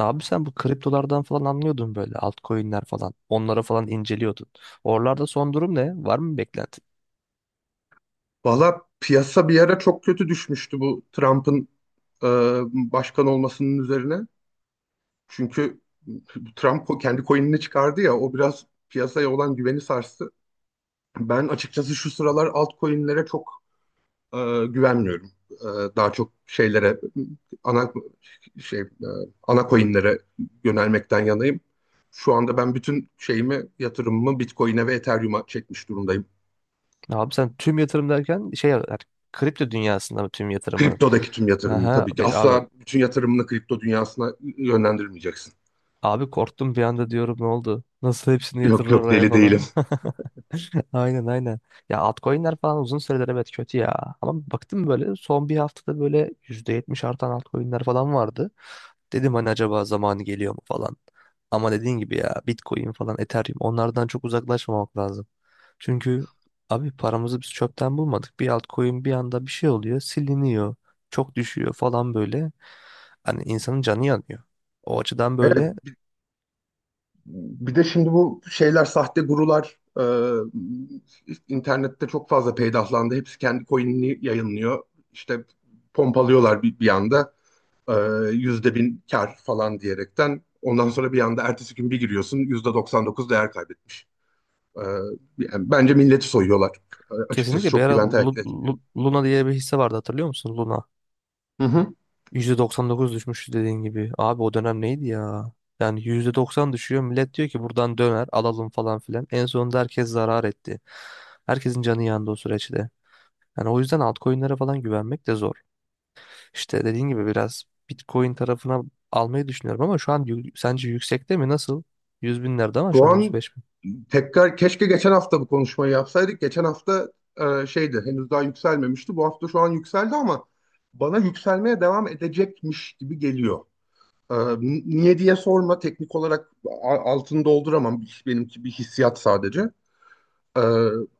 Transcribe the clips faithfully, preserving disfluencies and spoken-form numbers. Abi sen bu kriptolardan falan anlıyordun böyle altcoin'ler falan. Onları falan inceliyordun. Oralarda son durum ne? Var mı bir beklenti? Valla piyasa bir ara çok kötü düşmüştü bu Trump'ın e, başkan olmasının üzerine. Çünkü Trump ko- kendi coin'ini çıkardı ya, o biraz piyasaya olan güveni sarstı. Ben açıkçası şu sıralar altcoin'lere çok e, güvenmiyorum. E, daha çok şeylere ana şey e, ana coin'lere yönelmekten yanayım. Şu anda ben bütün şeyimi yatırımımı Bitcoin'e ve Ethereum'a çekmiş durumdayım. Abi sen tüm yatırım derken şey yani kripto dünyasında mı tüm yatırımının? Kriptodaki tüm yatırımımı Aha, tabii ki. be- abi Asla bütün yatırımını kripto dünyasına yönlendirmeyeceksin. abi korktum bir anda diyorum ne oldu? Nasıl hepsini yatırır Yok, yok, oraya deli değilim. falan? Aynen aynen. Ya altcoin'ler falan uzun süredir evet kötü ya. Ama baktım böyle son bir haftada böyle yüzde yetmiş artan altcoin'ler falan vardı. Dedim hani acaba zamanı geliyor mu falan. Ama dediğin gibi ya Bitcoin falan Ethereum onlardan çok uzaklaşmamak lazım. Çünkü abi paramızı biz çöpten bulmadık. Bir altcoin bir anda bir şey oluyor siliniyor. Çok düşüyor falan böyle. Hani insanın canı yanıyor. O açıdan Evet, böyle bir de şimdi bu şeyler, sahte gurular e, internette çok fazla peydahlandı. Hepsi kendi coin'ini yayınlıyor. İşte pompalıyorlar bir, bir anda e, yüzde bin kar falan diyerekten. Ondan sonra bir anda ertesi gün bir giriyorsun, yüzde doksan dokuz değer kaybetmiş. E, Yani bence milleti soyuyorlar. E, açıkçası kesinlikle bir çok ara güven Lu- teşkil etmiyor. Lu- Luna diye bir hisse vardı hatırlıyor musun? Luna. Hı hı. yüzde doksan dokuz düşmüş dediğin gibi. Abi o dönem neydi ya? Yani yüzde doksan düşüyor. Millet diyor ki buradan döner alalım falan filan. En sonunda herkes zarar etti. Herkesin canı yandı o süreçte. Yani o yüzden altcoin'lere falan güvenmek de zor. İşte dediğin gibi biraz Bitcoin tarafına almayı düşünüyorum ama şu an yü- sence yüksekte mi? Nasıl? Yüz binlerde ama Şu şu an an, yüz beş bin. tekrar keşke geçen hafta bu konuşmayı yapsaydık. Geçen hafta e, şeydi, henüz daha yükselmemişti. Bu hafta şu an yükseldi ama bana yükselmeye devam edecekmiş gibi geliyor. E, n- niye diye sorma. Teknik olarak a- altını dolduramam. Benimki bir hissiyat sadece. E,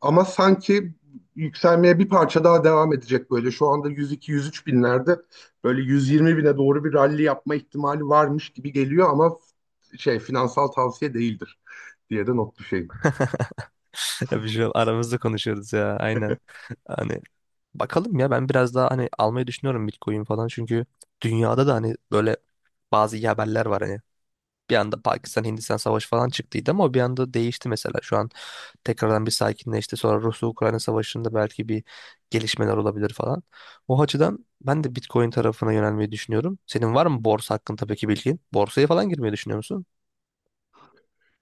Ama sanki yükselmeye bir parça daha devam edecek böyle. Şu anda yüz iki, yüz üç binlerde, böyle yüz yirmi bine doğru bir ralli yapma ihtimali varmış gibi geliyor ama şey, finansal tavsiye değildir diye de not düşeyim. Tabii şu an aramızda konuşuyoruz ya aynen. Hani bakalım ya ben biraz daha hani almayı düşünüyorum Bitcoin falan çünkü dünyada da hani böyle bazı iyi haberler var hani. Bir anda Pakistan Hindistan savaşı falan çıktıydı ama o bir anda değişti mesela. Şu an tekrardan bir sakinleşti. Sonra Rusya-Ukrayna savaşında belki bir gelişmeler olabilir falan. O açıdan ben de Bitcoin tarafına yönelmeyi düşünüyorum. Senin var mı borsa hakkında peki bilgin? Borsaya falan girmeyi düşünüyor musun?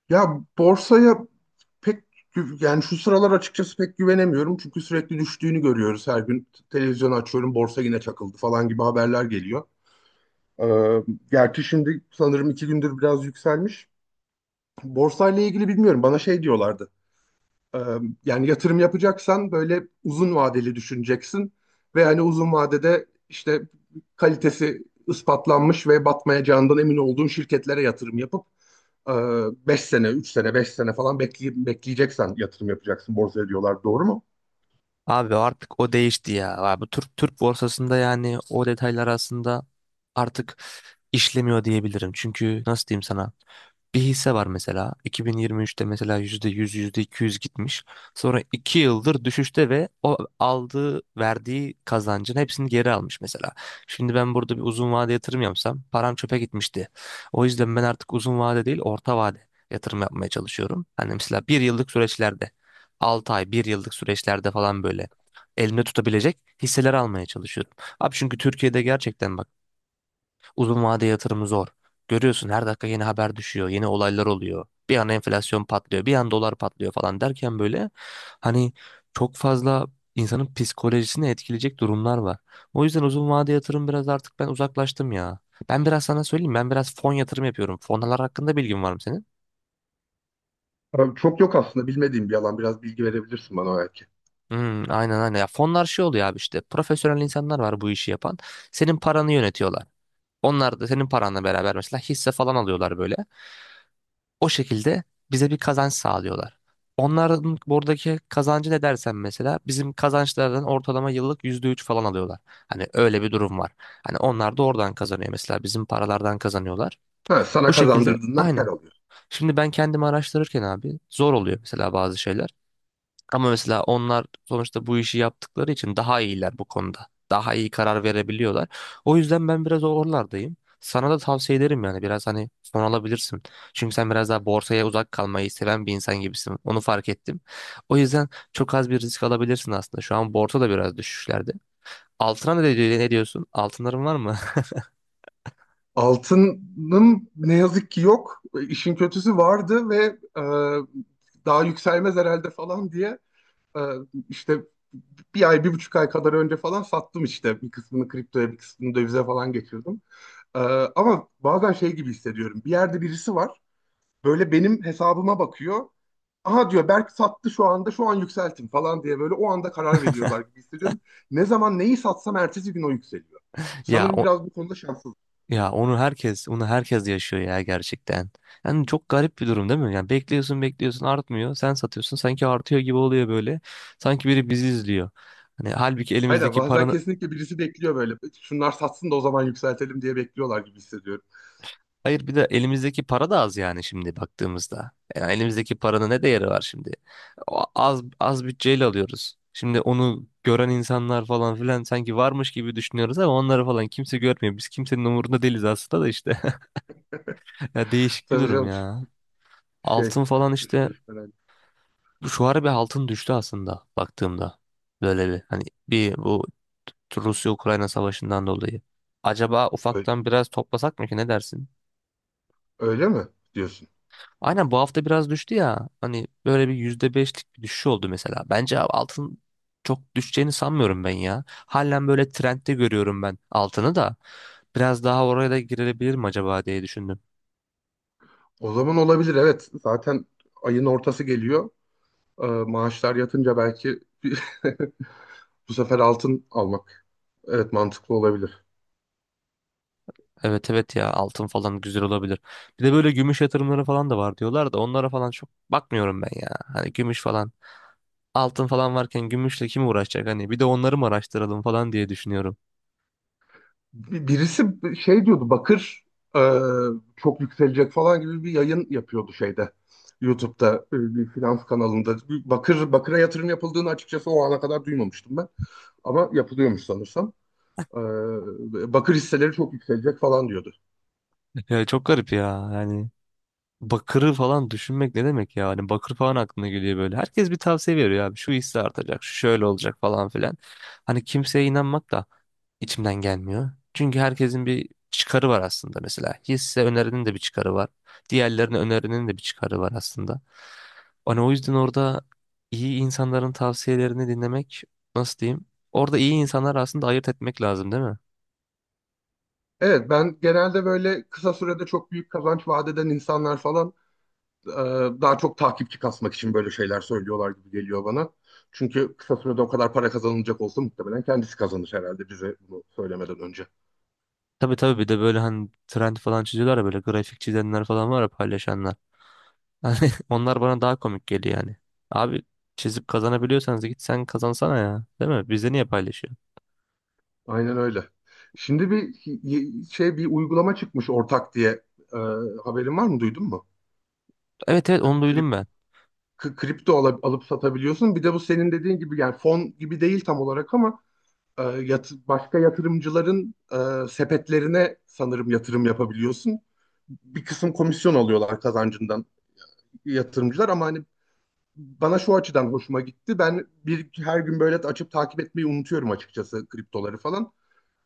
Ya borsaya pek gü- yani şu sıralar açıkçası pek güvenemiyorum. Çünkü sürekli düştüğünü görüyoruz. Her gün televizyonu açıyorum, borsa yine çakıldı falan gibi haberler geliyor. Ee, Gerçi şimdi sanırım iki gündür biraz yükselmiş. Borsayla ilgili bilmiyorum. Bana şey diyorlardı. Ee, Yani yatırım yapacaksan böyle uzun vadeli düşüneceksin. Ve hani uzun vadede işte kalitesi ispatlanmış ve batmayacağından emin olduğun şirketlere yatırım yapıp ee, beş sene, üç sene, beş sene falan bekleyip bekleyeceksen yatırım yapacaksın borsaya diyorlar. Doğru mu? Abi artık o değişti ya. Abi bu Türk Türk borsasında yani o detaylar aslında artık işlemiyor diyebilirim. Çünkü nasıl diyeyim sana? Bir hisse var mesela iki bin yirmi üçte mesela yüzde yüz yüzde iki yüz gitmiş. Sonra iki yıldır düşüşte ve o aldığı verdiği kazancın hepsini geri almış mesela. Şimdi ben burada bir uzun vade yatırım yapsam param çöpe gitmişti. O yüzden ben artık uzun vade değil orta vade yatırım yapmaya çalışıyorum. Hani mesela bir yıllık süreçlerde 6 ay bir yıllık süreçlerde falan böyle elimde tutabilecek hisseler almaya çalışıyorum. Abi çünkü Türkiye'de gerçekten bak uzun vade yatırımı zor. Görüyorsun her dakika yeni haber düşüyor, yeni olaylar oluyor. Bir an enflasyon patlıyor, bir an dolar patlıyor falan derken böyle hani çok fazla insanın psikolojisini etkileyecek durumlar var. O yüzden uzun vade yatırım biraz artık ben uzaklaştım ya. Ben biraz sana söyleyeyim ben biraz fon yatırım yapıyorum. Fonlar hakkında bilgin var mı senin? Abi çok yok aslında, bilmediğim bir alan. Biraz bilgi verebilirsin bana belki. Hmm, aynen aynen. Ya fonlar şey oluyor abi işte profesyonel insanlar var bu işi yapan. Senin paranı yönetiyorlar. Onlar da senin paranla beraber mesela hisse falan alıyorlar böyle. O şekilde bize bir kazanç sağlıyorlar. Onların buradaki kazancı ne dersen mesela bizim kazançlardan ortalama yıllık yüzde üç falan alıyorlar. Hani öyle bir durum var. Hani onlar da oradan kazanıyor mesela bizim paralardan kazanıyorlar. Ha, sana Bu şekilde kazandırdığından kar aynen. alıyor. Şimdi ben kendimi araştırırken abi zor oluyor mesela bazı şeyler. Ama mesela onlar sonuçta bu işi yaptıkları için daha iyiler bu konuda. Daha iyi karar verebiliyorlar. O yüzden ben biraz oralardayım. Sana da tavsiye ederim yani biraz hani son alabilirsin. Çünkü sen biraz daha borsaya uzak kalmayı seven bir insan gibisin. Onu fark ettim. O yüzden çok az bir risk alabilirsin aslında. Şu an borsa da biraz düşüşlerde. Altına ne, diyor- ne diyorsun? Altınların var mı? Altının ne yazık ki yok. E, İşin kötüsü vardı ve e, daha yükselmez herhalde falan diye e, işte bir ay, bir buçuk ay kadar önce falan sattım işte. Bir kısmını kriptoya, bir kısmını dövize falan geçirdim. E, Ama bazen şey gibi hissediyorum, bir yerde birisi var, böyle benim hesabıma bakıyor. Aha diyor, Berk sattı şu anda, şu an yükseltin falan diye, böyle o anda karar veriyorlar gibi hissediyorum. Ne zaman neyi satsam ertesi gün o yükseliyor. Ya Sanırım biraz bu konuda şanssız. Ya onu herkes, onu herkes yaşıyor ya gerçekten. Yani çok garip bir durum değil mi? Yani bekliyorsun, bekliyorsun artmıyor. Sen satıyorsun sanki artıyor gibi oluyor böyle. Sanki biri bizi izliyor. Hani halbuki Aynen, elimizdeki bazen paranın, kesinlikle birisi bekliyor böyle. Şunlar satsın da o zaman yükseltelim diye bekliyorlar gibi hissediyorum. hayır bir de elimizdeki para da az yani şimdi baktığımızda. Yani elimizdeki paranın ne değeri var şimdi? O az az bütçeyle alıyoruz. Şimdi onu gören insanlar falan filan sanki varmış gibi düşünüyoruz ama onları falan kimse görmüyor. Biz kimsenin umurunda değiliz aslında da işte. Ya değişik bir Tabii durum canım, ya. şey, Altın falan üç işte kuruş falan. şu ara bir altın düştü aslında baktığımda. Böyle bir hani bir bu Rusya-Ukrayna savaşından dolayı. Acaba Öyle, ufaktan biraz toplasak mı ki ne dersin? öyle mi diyorsun? Aynen bu hafta biraz düştü ya. Hani böyle bir yüzde beşlik bir düşüş oldu mesela. Bence abi altın çok düşeceğini sanmıyorum ben ya. Halen böyle trendde görüyorum ben altını da. Biraz daha oraya da girilebilir mi acaba diye düşündüm. O zaman olabilir, evet. Zaten ayın ortası geliyor. Ee, maaşlar yatınca belki bu sefer altın almak. Evet, mantıklı olabilir. Evet evet ya altın falan güzel olabilir. Bir de böyle gümüş yatırımları falan da var diyorlar da onlara falan çok bakmıyorum ben ya. Hani gümüş falan altın falan varken gümüşle kim uğraşacak hani bir de onları mı araştıralım falan diye düşünüyorum. Bir- birisi şey diyordu, bakır e, çok yükselecek falan gibi bir yayın yapıyordu şeyde, YouTube'da, e, bir finans kanalında. Bakır Bakır'a yatırım yapıldığını açıkçası o ana kadar duymamıştım ben. Ama yapılıyormuş sanırsam. E, Bakır hisseleri çok yükselecek falan diyordu. Ya çok garip ya yani. Bakırı falan düşünmek ne demek ya? Hani bakır falan aklına geliyor böyle. Herkes bir tavsiye veriyor abi. Şu hisse artacak, şu şöyle olacak falan filan. Hani kimseye inanmak da içimden gelmiyor. Çünkü herkesin bir çıkarı var aslında mesela. Hisse önerinin de bir çıkarı var. Diğerlerinin önerinin de bir çıkarı var aslında. Hani o yüzden orada iyi insanların tavsiyelerini dinlemek nasıl diyeyim? Orada iyi insanlar aslında ayırt etmek lazım değil mi? Evet, ben genelde böyle kısa sürede çok büyük kazanç vaat eden insanlar falan e, daha çok takipçi kasmak için böyle şeyler söylüyorlar gibi geliyor bana. Çünkü kısa sürede o kadar para kazanılacak olsa muhtemelen kendisi kazanır herhalde bize bunu söylemeden önce. Tabii tabii bir de böyle hani trend falan çiziyorlar ya böyle grafik çizenler falan var ya paylaşanlar. Hani onlar bana daha komik geliyor yani. Abi çizip kazanabiliyorsanız git sen kazansana ya. Değil mi? Bizde niye paylaşıyor? Aynen öyle. Şimdi bir y- şey bir uygulama çıkmış, ortak diye. Ee, Haberin var mı, duydun mu? Evet evet onu Krip, duydum ben. k- kripto ala- alıp satabiliyorsun. Bir de bu senin dediğin gibi yani fon gibi değil tam olarak ama e, yat- başka yatırımcıların e, sepetlerine sanırım yatırım yapabiliyorsun. Bir kısım komisyon alıyorlar kazancından yatırımcılar ama hani bana şu açıdan hoşuma gitti. Ben bir her gün böyle açıp takip etmeyi unutuyorum açıkçası, kriptoları falan.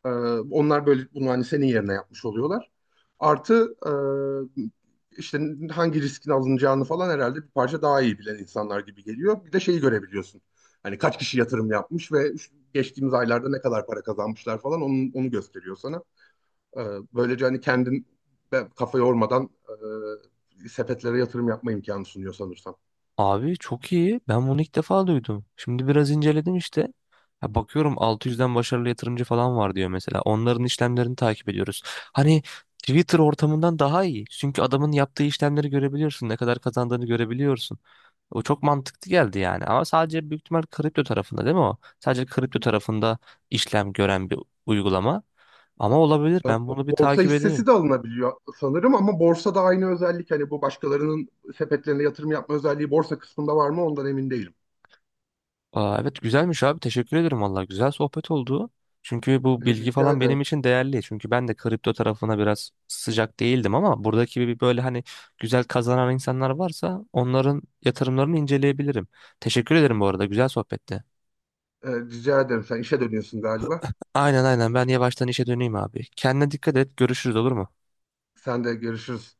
Ee, Onlar böyle bunu hani senin yerine yapmış oluyorlar. Artı e, işte hangi riskin alınacağını falan herhalde bir parça daha iyi bilen insanlar gibi geliyor. Bir de şeyi görebiliyorsun, hani kaç kişi yatırım yapmış ve şu- geçtiğimiz aylarda ne kadar para kazanmışlar falan, onu, onu gösteriyor sana. Ee, Böylece hani kendin be- kafa yormadan e, sepetlere yatırım yapma imkanı sunuyor sanırsam. Abi çok iyi. Ben bunu ilk defa duydum. Şimdi biraz inceledim işte. Ya bakıyorum altı yüzden başarılı yatırımcı falan var diyor mesela. Onların işlemlerini takip ediyoruz. Hani Twitter ortamından daha iyi. Çünkü adamın yaptığı işlemleri görebiliyorsun. Ne kadar kazandığını görebiliyorsun. O çok mantıklı geldi yani. Ama sadece büyük ihtimal kripto tarafında değil mi o? Sadece kripto tarafında işlem gören bir uygulama. Ama olabilir. E, Ben bo- bunu bir Borsa takip edeyim. hissesi de alınabiliyor sanırım ama borsada aynı özellik, hani bu başkalarının sepetlerine yatırım yapma özelliği borsa kısmında var mı ondan emin değilim. Aa, evet güzelmiş abi teşekkür ederim valla güzel sohbet oldu. Çünkü bu bilgi Rica falan ederim. benim için değerli. Çünkü ben de kripto tarafına biraz sıcak değildim ama buradaki bir böyle hani güzel kazanan insanlar varsa onların yatırımlarını inceleyebilirim. Teşekkür ederim bu arada güzel sohbette. E, Rica ederim. Sen işe dönüyorsun galiba. Aynen aynen ben yavaştan işe döneyim abi. Kendine dikkat et görüşürüz olur mu? Sen de, görüşürüz.